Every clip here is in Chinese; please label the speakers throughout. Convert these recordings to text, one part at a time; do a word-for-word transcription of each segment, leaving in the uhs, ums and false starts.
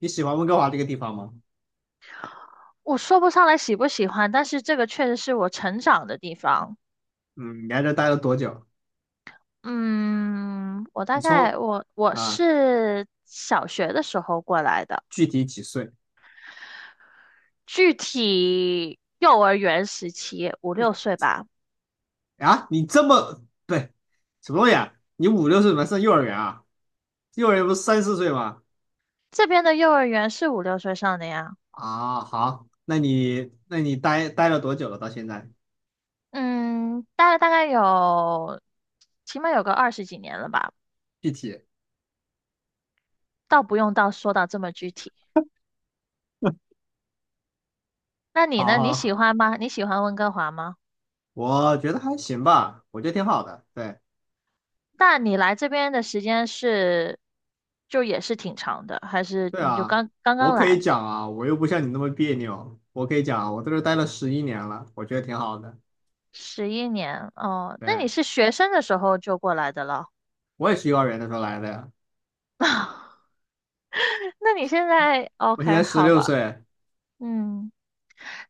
Speaker 1: 你喜欢温哥华这个地方吗？
Speaker 2: 我说不上来喜不喜欢，但是这个确实是我成长的地方。
Speaker 1: 嗯，你在这待了多久？
Speaker 2: 嗯，我大
Speaker 1: 你从
Speaker 2: 概我我
Speaker 1: 啊，
Speaker 2: 是小学的时候过来的，
Speaker 1: 具体几岁
Speaker 2: 具体幼儿园时期五六岁吧。
Speaker 1: 啊？你这么，对，什么东西啊？你五六岁怎么上幼儿园啊？幼儿园不是三四岁吗？
Speaker 2: 这边的幼儿园是五六岁上的呀。
Speaker 1: 啊，好，那你那你待待了多久了？到现在
Speaker 2: 嗯，大概大概有起码有个二十几年了吧，
Speaker 1: 具体？
Speaker 2: 倒不用到说到这么具体。那你
Speaker 1: 好
Speaker 2: 呢？你喜
Speaker 1: 好，
Speaker 2: 欢吗？你喜欢温哥华吗？
Speaker 1: 我觉得还行吧，我觉得挺好的。对
Speaker 2: 那你来这边的时间是，就也是挺长的，还是
Speaker 1: 对
Speaker 2: 你就
Speaker 1: 啊，
Speaker 2: 刚刚
Speaker 1: 我
Speaker 2: 刚
Speaker 1: 可以
Speaker 2: 来
Speaker 1: 讲啊，我又不像你那么别扭，我可以讲啊，我在这儿待了十一年了，我觉得挺好的。
Speaker 2: 十一年？哦，那你
Speaker 1: 对，
Speaker 2: 是学生的时候就过来的了？
Speaker 1: 我也是幼儿园的时候来的呀。
Speaker 2: 那你现在
Speaker 1: 我现
Speaker 2: OK
Speaker 1: 在十
Speaker 2: 好
Speaker 1: 六
Speaker 2: 吧？
Speaker 1: 岁
Speaker 2: 嗯，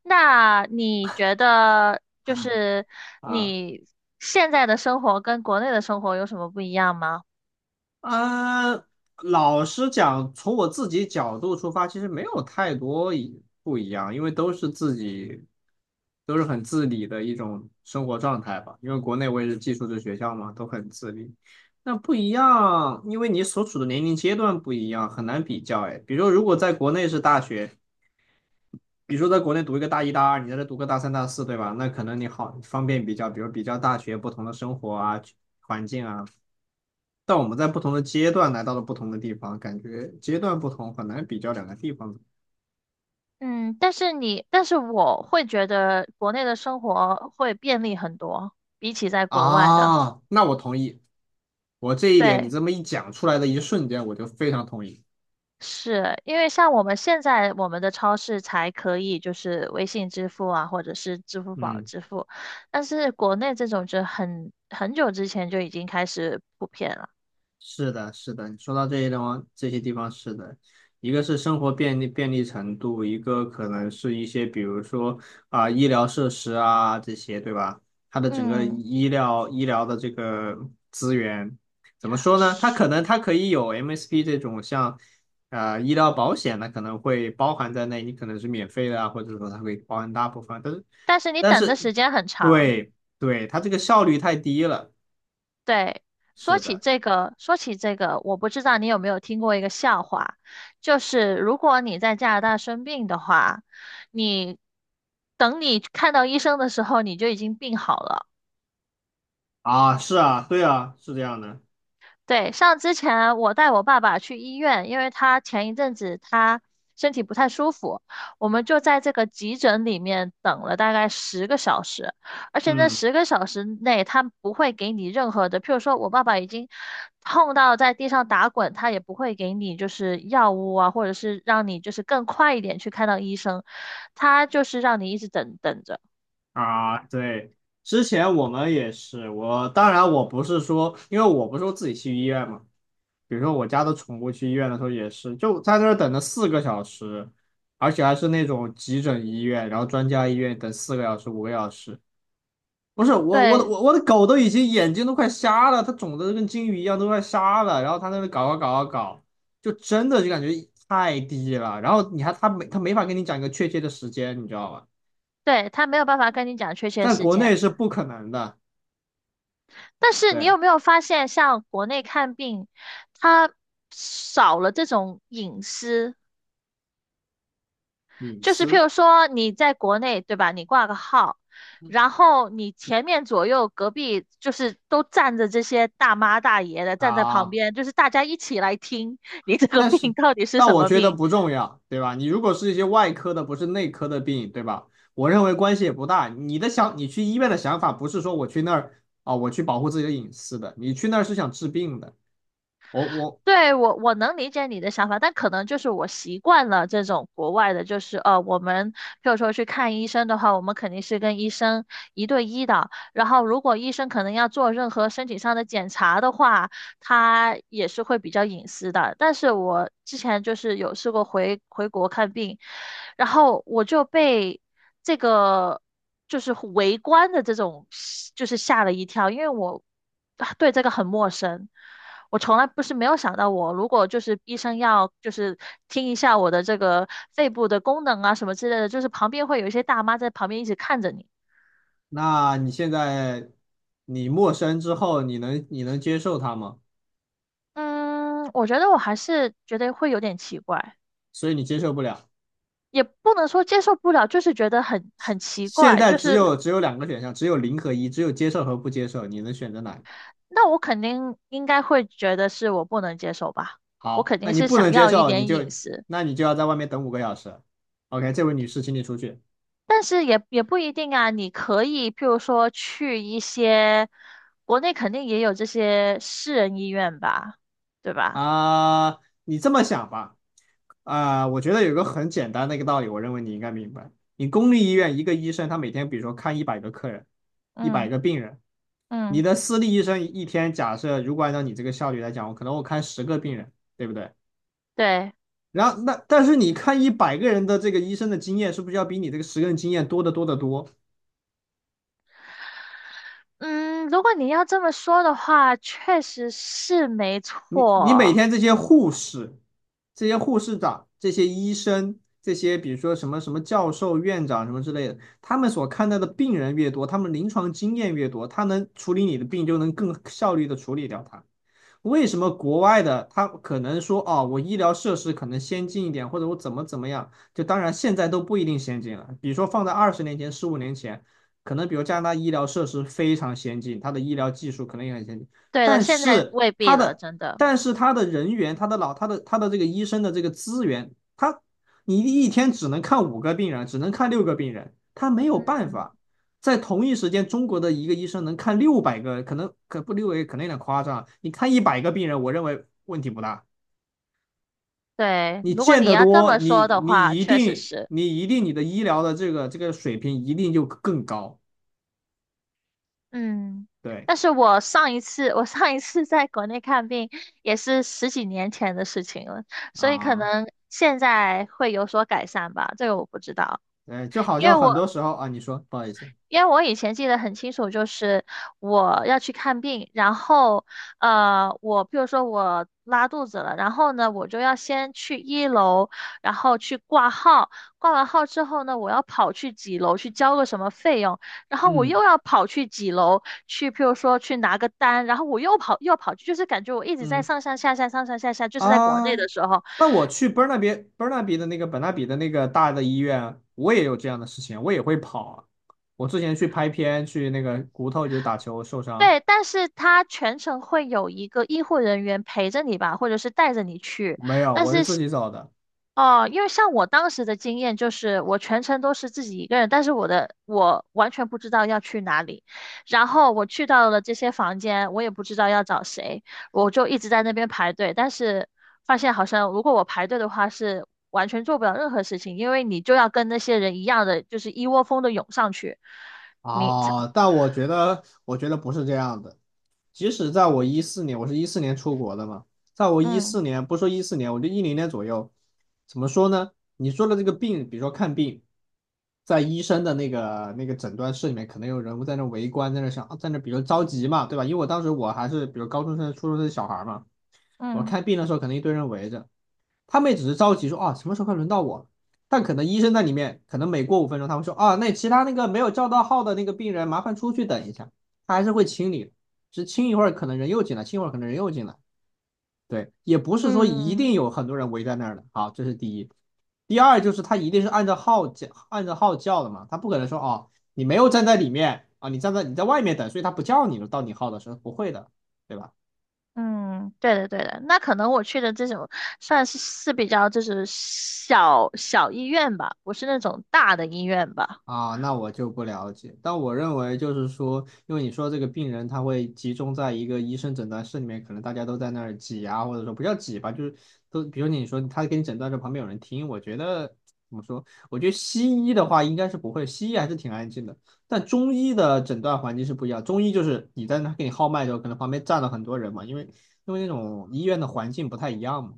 Speaker 2: 那你觉得就是
Speaker 1: 啊，
Speaker 2: 你现在的生活跟国内的生活有什么不一样吗？
Speaker 1: 呃，老实讲，从我自己角度出发，其实没有太多一不一样，因为都是自己，都是很自理的一种生活状态吧。因为国内我也是寄宿制学校嘛，都很自理。那不一样，因为你所处的年龄阶段不一样，很难比较。哎，比如说，如果在国内是大学，比如说在国内读一个大一、大二，你在这读个大三、大四，对吧？那可能你好方便比较，比如比较大学不同的生活啊、环境啊。但我们在不同的阶段来到了不同的地方，感觉阶段不同，很难比较两个地方。
Speaker 2: 嗯，但是你，但是我会觉得国内的生活会便利很多，比起在国外的。
Speaker 1: 啊，那我同意，我这一点你
Speaker 2: 对。
Speaker 1: 这么一讲出来的一瞬间，我就非常同意。
Speaker 2: 是因为像我们现在我们的超市才可以就是微信支付啊，或者是支付宝
Speaker 1: 嗯。
Speaker 2: 支付，但是国内这种就很很久之前就已经开始普遍了。
Speaker 1: 是的，是的，你说到这些地方，这些地方是的，一个是生活便利便利程度，一个可能是一些比如说啊、医疗设施啊这些，对吧？它的整个
Speaker 2: 嗯，
Speaker 1: 医疗医疗的这个资源怎么说呢？它
Speaker 2: 是
Speaker 1: 可能它可以有 M S P 这种像呃，医疗保险呢，可能会包含在内，你可能是免费的啊，或者说它会包含大部分，但是
Speaker 2: 但是你
Speaker 1: 但
Speaker 2: 等的
Speaker 1: 是
Speaker 2: 时间很长。
Speaker 1: 对对，它这个效率太低了，
Speaker 2: 对，说
Speaker 1: 是
Speaker 2: 起
Speaker 1: 的。
Speaker 2: 这个，说起这个，我不知道你有没有听过一个笑话，就是如果你在加拿大生病的话，你等你看到医生的时候，你就已经病好了。
Speaker 1: 啊，是啊，对啊，是这样的，
Speaker 2: 对，像之前我带我爸爸去医院，因为他前一阵子他身体不太舒服，我们就在这个急诊里面等了大概十个小时，而且那
Speaker 1: 嗯
Speaker 2: 十个小时内他不会给你任何的，譬如说我爸爸已经痛到在地上打滚，他也不会给你就是药物啊，或者是让你就是更快一点去看到医生，他就是让你一直等等着，
Speaker 1: 啊，对，之前我们也是，我当然我不是说，因为我不是说自己去医院嘛，比如说我家的宠物去医院的时候也是，就在那儿等了四个小时，而且还是那种急诊医院，然后专家医院等四个小时、五个小时，不是我，我的
Speaker 2: 对
Speaker 1: 我我的狗都已经眼睛都快瞎了，它肿的跟金鱼一样，都快瞎了。然后它在那搞搞搞搞搞，就真的就感觉太低了。然后你还它没它没法跟你讲一个确切的时间，你知道吧？
Speaker 2: 对，他没有办法跟你讲确切
Speaker 1: 在
Speaker 2: 时
Speaker 1: 国
Speaker 2: 间。
Speaker 1: 内是不可能的，
Speaker 2: 但是你
Speaker 1: 对，
Speaker 2: 有没有发现，像国内看病，它少了这种隐私，
Speaker 1: 隐
Speaker 2: 就是譬
Speaker 1: 私
Speaker 2: 如说你在国内，对吧？你挂个号，然后你前面左右隔壁就是都站着这些大妈大爷的，站在旁
Speaker 1: 啊。
Speaker 2: 边，就是大家一起来听你这个
Speaker 1: 但
Speaker 2: 病
Speaker 1: 是，
Speaker 2: 到底是
Speaker 1: 但
Speaker 2: 什
Speaker 1: 我
Speaker 2: 么
Speaker 1: 觉得
Speaker 2: 病。
Speaker 1: 不重要，对吧？你如果是一些外科的，不是内科的病，对吧？我认为关系也不大。你的想，你去医院的想法不是说我去那儿啊、我去保护自己的隐私的，你去那儿是想治病的。我我
Speaker 2: 对，我我能理解你的想法，但可能就是我习惯了这种国外的，就是呃，我们譬如说去看医生的话，我们肯定是跟医生一对一的。然后，如果医生可能要做任何身体上的检查的话，他也是会比较隐私的。但是我之前就是有试过回回国看病，然后我就被这个就是围观的这种就是吓了一跳，因为我啊对这个很陌生。我从来不是没有想到我，如果就是医生要就是听一下我的这个肺部的功能啊什么之类的，就是旁边会有一些大妈在旁边一直看着你。
Speaker 1: 那你现在你陌生之后，你能你能接受它吗？
Speaker 2: 嗯，我觉得我还是觉得会有点奇怪。
Speaker 1: 所以你接受不了。
Speaker 2: 也不能说接受不了，就是觉得很很奇
Speaker 1: 现
Speaker 2: 怪，
Speaker 1: 在
Speaker 2: 就
Speaker 1: 只
Speaker 2: 是
Speaker 1: 有只有两个选项，只有零和一，只有接受和不接受，你能选择哪个
Speaker 2: 那我肯定应该会觉得是我不能接受吧，我
Speaker 1: 好，
Speaker 2: 肯
Speaker 1: 那
Speaker 2: 定
Speaker 1: 你
Speaker 2: 是
Speaker 1: 不
Speaker 2: 想
Speaker 1: 能接
Speaker 2: 要一
Speaker 1: 受，你
Speaker 2: 点隐
Speaker 1: 就
Speaker 2: 私，
Speaker 1: 那你就要在外面等五个小时。OK，这位女士，请你出去。
Speaker 2: 但是也也不一定啊，你可以譬如说去一些国内肯定也有这些私人医院吧，对吧？
Speaker 1: 啊，你这么想吧，啊、我觉得有个很简单的一个道理，我认为你应该明白。你公立医院一个医生，他每天比如说看一百个客人，一百
Speaker 2: 嗯
Speaker 1: 个病人，你
Speaker 2: 嗯，
Speaker 1: 的私立医生一天，假设如果按照你这个效率来讲，我可能我看十个病人，对不对？
Speaker 2: 对，
Speaker 1: 然后那但是你看一百个人的这个医生的经验，是不是要比你这个十个人经验多得多得多？
Speaker 2: 嗯，如果你要这么说的话，确实是没
Speaker 1: 你你每
Speaker 2: 错，
Speaker 1: 天这些护士、这些护士长、这些医生、这些比如说什么什么教授、院长什么之类的，他们所看到的病人越多，他们临床经验越多，他能处理你的病就能更效率的处理掉它。为什么国外的他可能说哦，我医疗设施可能先进一点，或者我怎么怎么样？就当然现在都不一定先进了。比如说放在二十年前、十五年前，可能比如加拿大医疗设施非常先进，它的医疗技术可能也很先进，
Speaker 2: 对了，
Speaker 1: 但
Speaker 2: 现在
Speaker 1: 是
Speaker 2: 未必
Speaker 1: 它
Speaker 2: 了，
Speaker 1: 的
Speaker 2: 真的，
Speaker 1: 但是它的人员、它的老、它的它的这个医生的这个资源，他你一天只能看五个病人，只能看六个病人，他没有办
Speaker 2: 嗯。
Speaker 1: 法。在同一时间，中国的一个医生能看六百个，可能可不六百可能有点夸张，你看一百个病人，我认为问题不大。
Speaker 2: 对，
Speaker 1: 你
Speaker 2: 如果
Speaker 1: 见
Speaker 2: 你
Speaker 1: 得
Speaker 2: 要这
Speaker 1: 多，
Speaker 2: 么
Speaker 1: 你
Speaker 2: 说的话，
Speaker 1: 你一
Speaker 2: 确实
Speaker 1: 定
Speaker 2: 是，
Speaker 1: 你一定你的医疗的这个这个水平一定就更高。
Speaker 2: 嗯，
Speaker 1: 对
Speaker 2: 但是我上一次，我上一次在国内看病也是十几年前的事情了，所以可
Speaker 1: 啊，
Speaker 2: 能现在会有所改善吧，这个我不知道，
Speaker 1: 哎，就好
Speaker 2: 因
Speaker 1: 像
Speaker 2: 为
Speaker 1: 很
Speaker 2: 我
Speaker 1: 多时候啊，你说不好意思，
Speaker 2: 因为我以前记得很清楚，就是我要去看病，然后，呃，我比如说我拉肚子了，然后呢，我就要先去一楼，然后去挂号，挂完号之后呢，我要跑去几楼去交个什么费用，然后我又
Speaker 1: 嗯
Speaker 2: 要跑去几楼去，譬如说去拿个单，然后我又跑又要跑去，就是感觉我一直在
Speaker 1: 嗯
Speaker 2: 上上下下上上下下，就是在国
Speaker 1: 啊，
Speaker 2: 内的时候，
Speaker 1: 那我去伯纳比伯纳比的那个本纳比的那个大的医院，我也有这样的事情，我也会跑啊。我之前去拍片，去那个骨头就是打球受伤，
Speaker 2: 对，但是他全程会有一个医护人员陪着你吧，或者是带着你去。
Speaker 1: 没有，我是自己找的。
Speaker 2: 哦，因为像我当时的经验就是，我全程都是自己一个人，但是我的我完全不知道要去哪里，然后我去到了这些房间，我也不知道要找谁，我就一直在那边排队，但是发现好像如果我排队的话是完全做不了任何事情，因为你就要跟那些人一样的，就是一窝蜂的涌上去，你才
Speaker 1: 哦，但我觉得，我觉得不是这样的。即使在我一四年，我是一四年出国的嘛，在我一
Speaker 2: 嗯
Speaker 1: 四年，不说一四年，我就一零年左右，怎么说呢？你说的这个病，比如说看病，在医生的那个那个诊断室里面，可能有人在那围观，在那想，啊在那比如着急嘛，对吧？因为我当时我还是比如高中生、初中生小孩嘛，我
Speaker 2: 嗯。
Speaker 1: 看病的时候，可能一堆人围着。他们也只是着急说啊，什么时候快轮到我。但可能医生在里面，可能每过五分钟，他会说啊，那其他那个没有叫到号的那个病人，麻烦出去等一下，他还是会清理只清一会儿，可能人又进来，清一会儿可能人又进来。对，也不是说一定
Speaker 2: 嗯，
Speaker 1: 有很多人围在那儿的。好，这是第一。第二就是他一定是按照号叫，按照号叫的嘛，他不可能说哦，你没有站在里面啊，你站在你在外面等，所以他不叫你了，到你号的时候不会的，对吧？
Speaker 2: 嗯，对的对的，那可能我去的这种算是是比较就是小小医院吧，不是那种大的医院吧。
Speaker 1: 啊，那我就不了解。但我认为就是说，因为你说这个病人他会集中在一个医生诊断室里面，可能大家都在那儿挤啊，或者说不叫挤吧，就是都，比如你说他给你诊断的时候旁边有人听，我觉得怎么说？我觉得西医的话应该是不会，西医还是挺安静的。但中医的诊断环境是不一样，中医就是你在那给你号脉的时候，可能旁边站了很多人嘛，因为因为那种医院的环境不太一样嘛。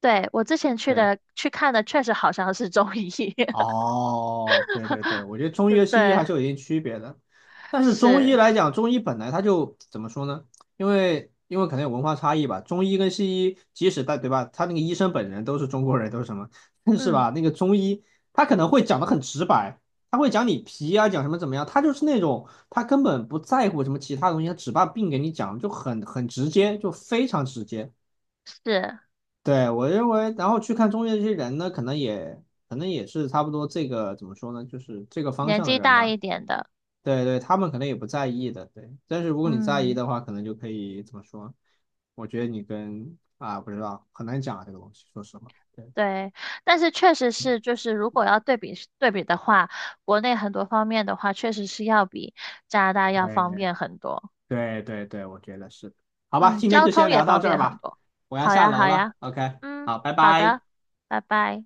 Speaker 2: 对，我之前去
Speaker 1: 对。
Speaker 2: 的去看的确实好像是中医，
Speaker 1: 哦，对对对，我觉得中医和西医还
Speaker 2: 对，
Speaker 1: 是有一定区别的。但是中医
Speaker 2: 是，
Speaker 1: 来讲，中医本来它就怎么说呢？因为因为可能有文化差异吧，中医跟西医，即使在对吧，他那个医生本人都是中国人，都是什么，但是
Speaker 2: 嗯，
Speaker 1: 吧，那个中医他可能会讲的很直白，他会讲你皮啊，讲什么怎么样，他就是那种他根本不在乎什么其他东西，他只把病给你讲，就很很直接，就非常直接。
Speaker 2: 是
Speaker 1: 对，我认为，然后去看中介这些人呢，可能也可能也是差不多这个怎么说呢，就是这个方
Speaker 2: 年
Speaker 1: 向的
Speaker 2: 纪
Speaker 1: 人
Speaker 2: 大
Speaker 1: 吧。
Speaker 2: 一点的，
Speaker 1: 对对，他们可能也不在意的，对。但是如果你在意
Speaker 2: 嗯，
Speaker 1: 的话，可能就可以怎么说？我觉得你跟啊，不知道，很难讲啊，这个东西，说实话。
Speaker 2: 对，但是确实是就是如果要对比对比的话，国内很多方面的话，确实是要比加拿大要方
Speaker 1: 对
Speaker 2: 便很多。
Speaker 1: 对对对对，我觉得是的。好吧，
Speaker 2: 嗯，
Speaker 1: 今天
Speaker 2: 交
Speaker 1: 就先
Speaker 2: 通也
Speaker 1: 聊到
Speaker 2: 方
Speaker 1: 这
Speaker 2: 便
Speaker 1: 儿
Speaker 2: 很
Speaker 1: 吧，
Speaker 2: 多。
Speaker 1: 我要
Speaker 2: 好
Speaker 1: 下
Speaker 2: 呀，
Speaker 1: 楼
Speaker 2: 好
Speaker 1: 了。
Speaker 2: 呀，
Speaker 1: OK，
Speaker 2: 嗯，
Speaker 1: 好，拜
Speaker 2: 好
Speaker 1: 拜。
Speaker 2: 的，拜拜。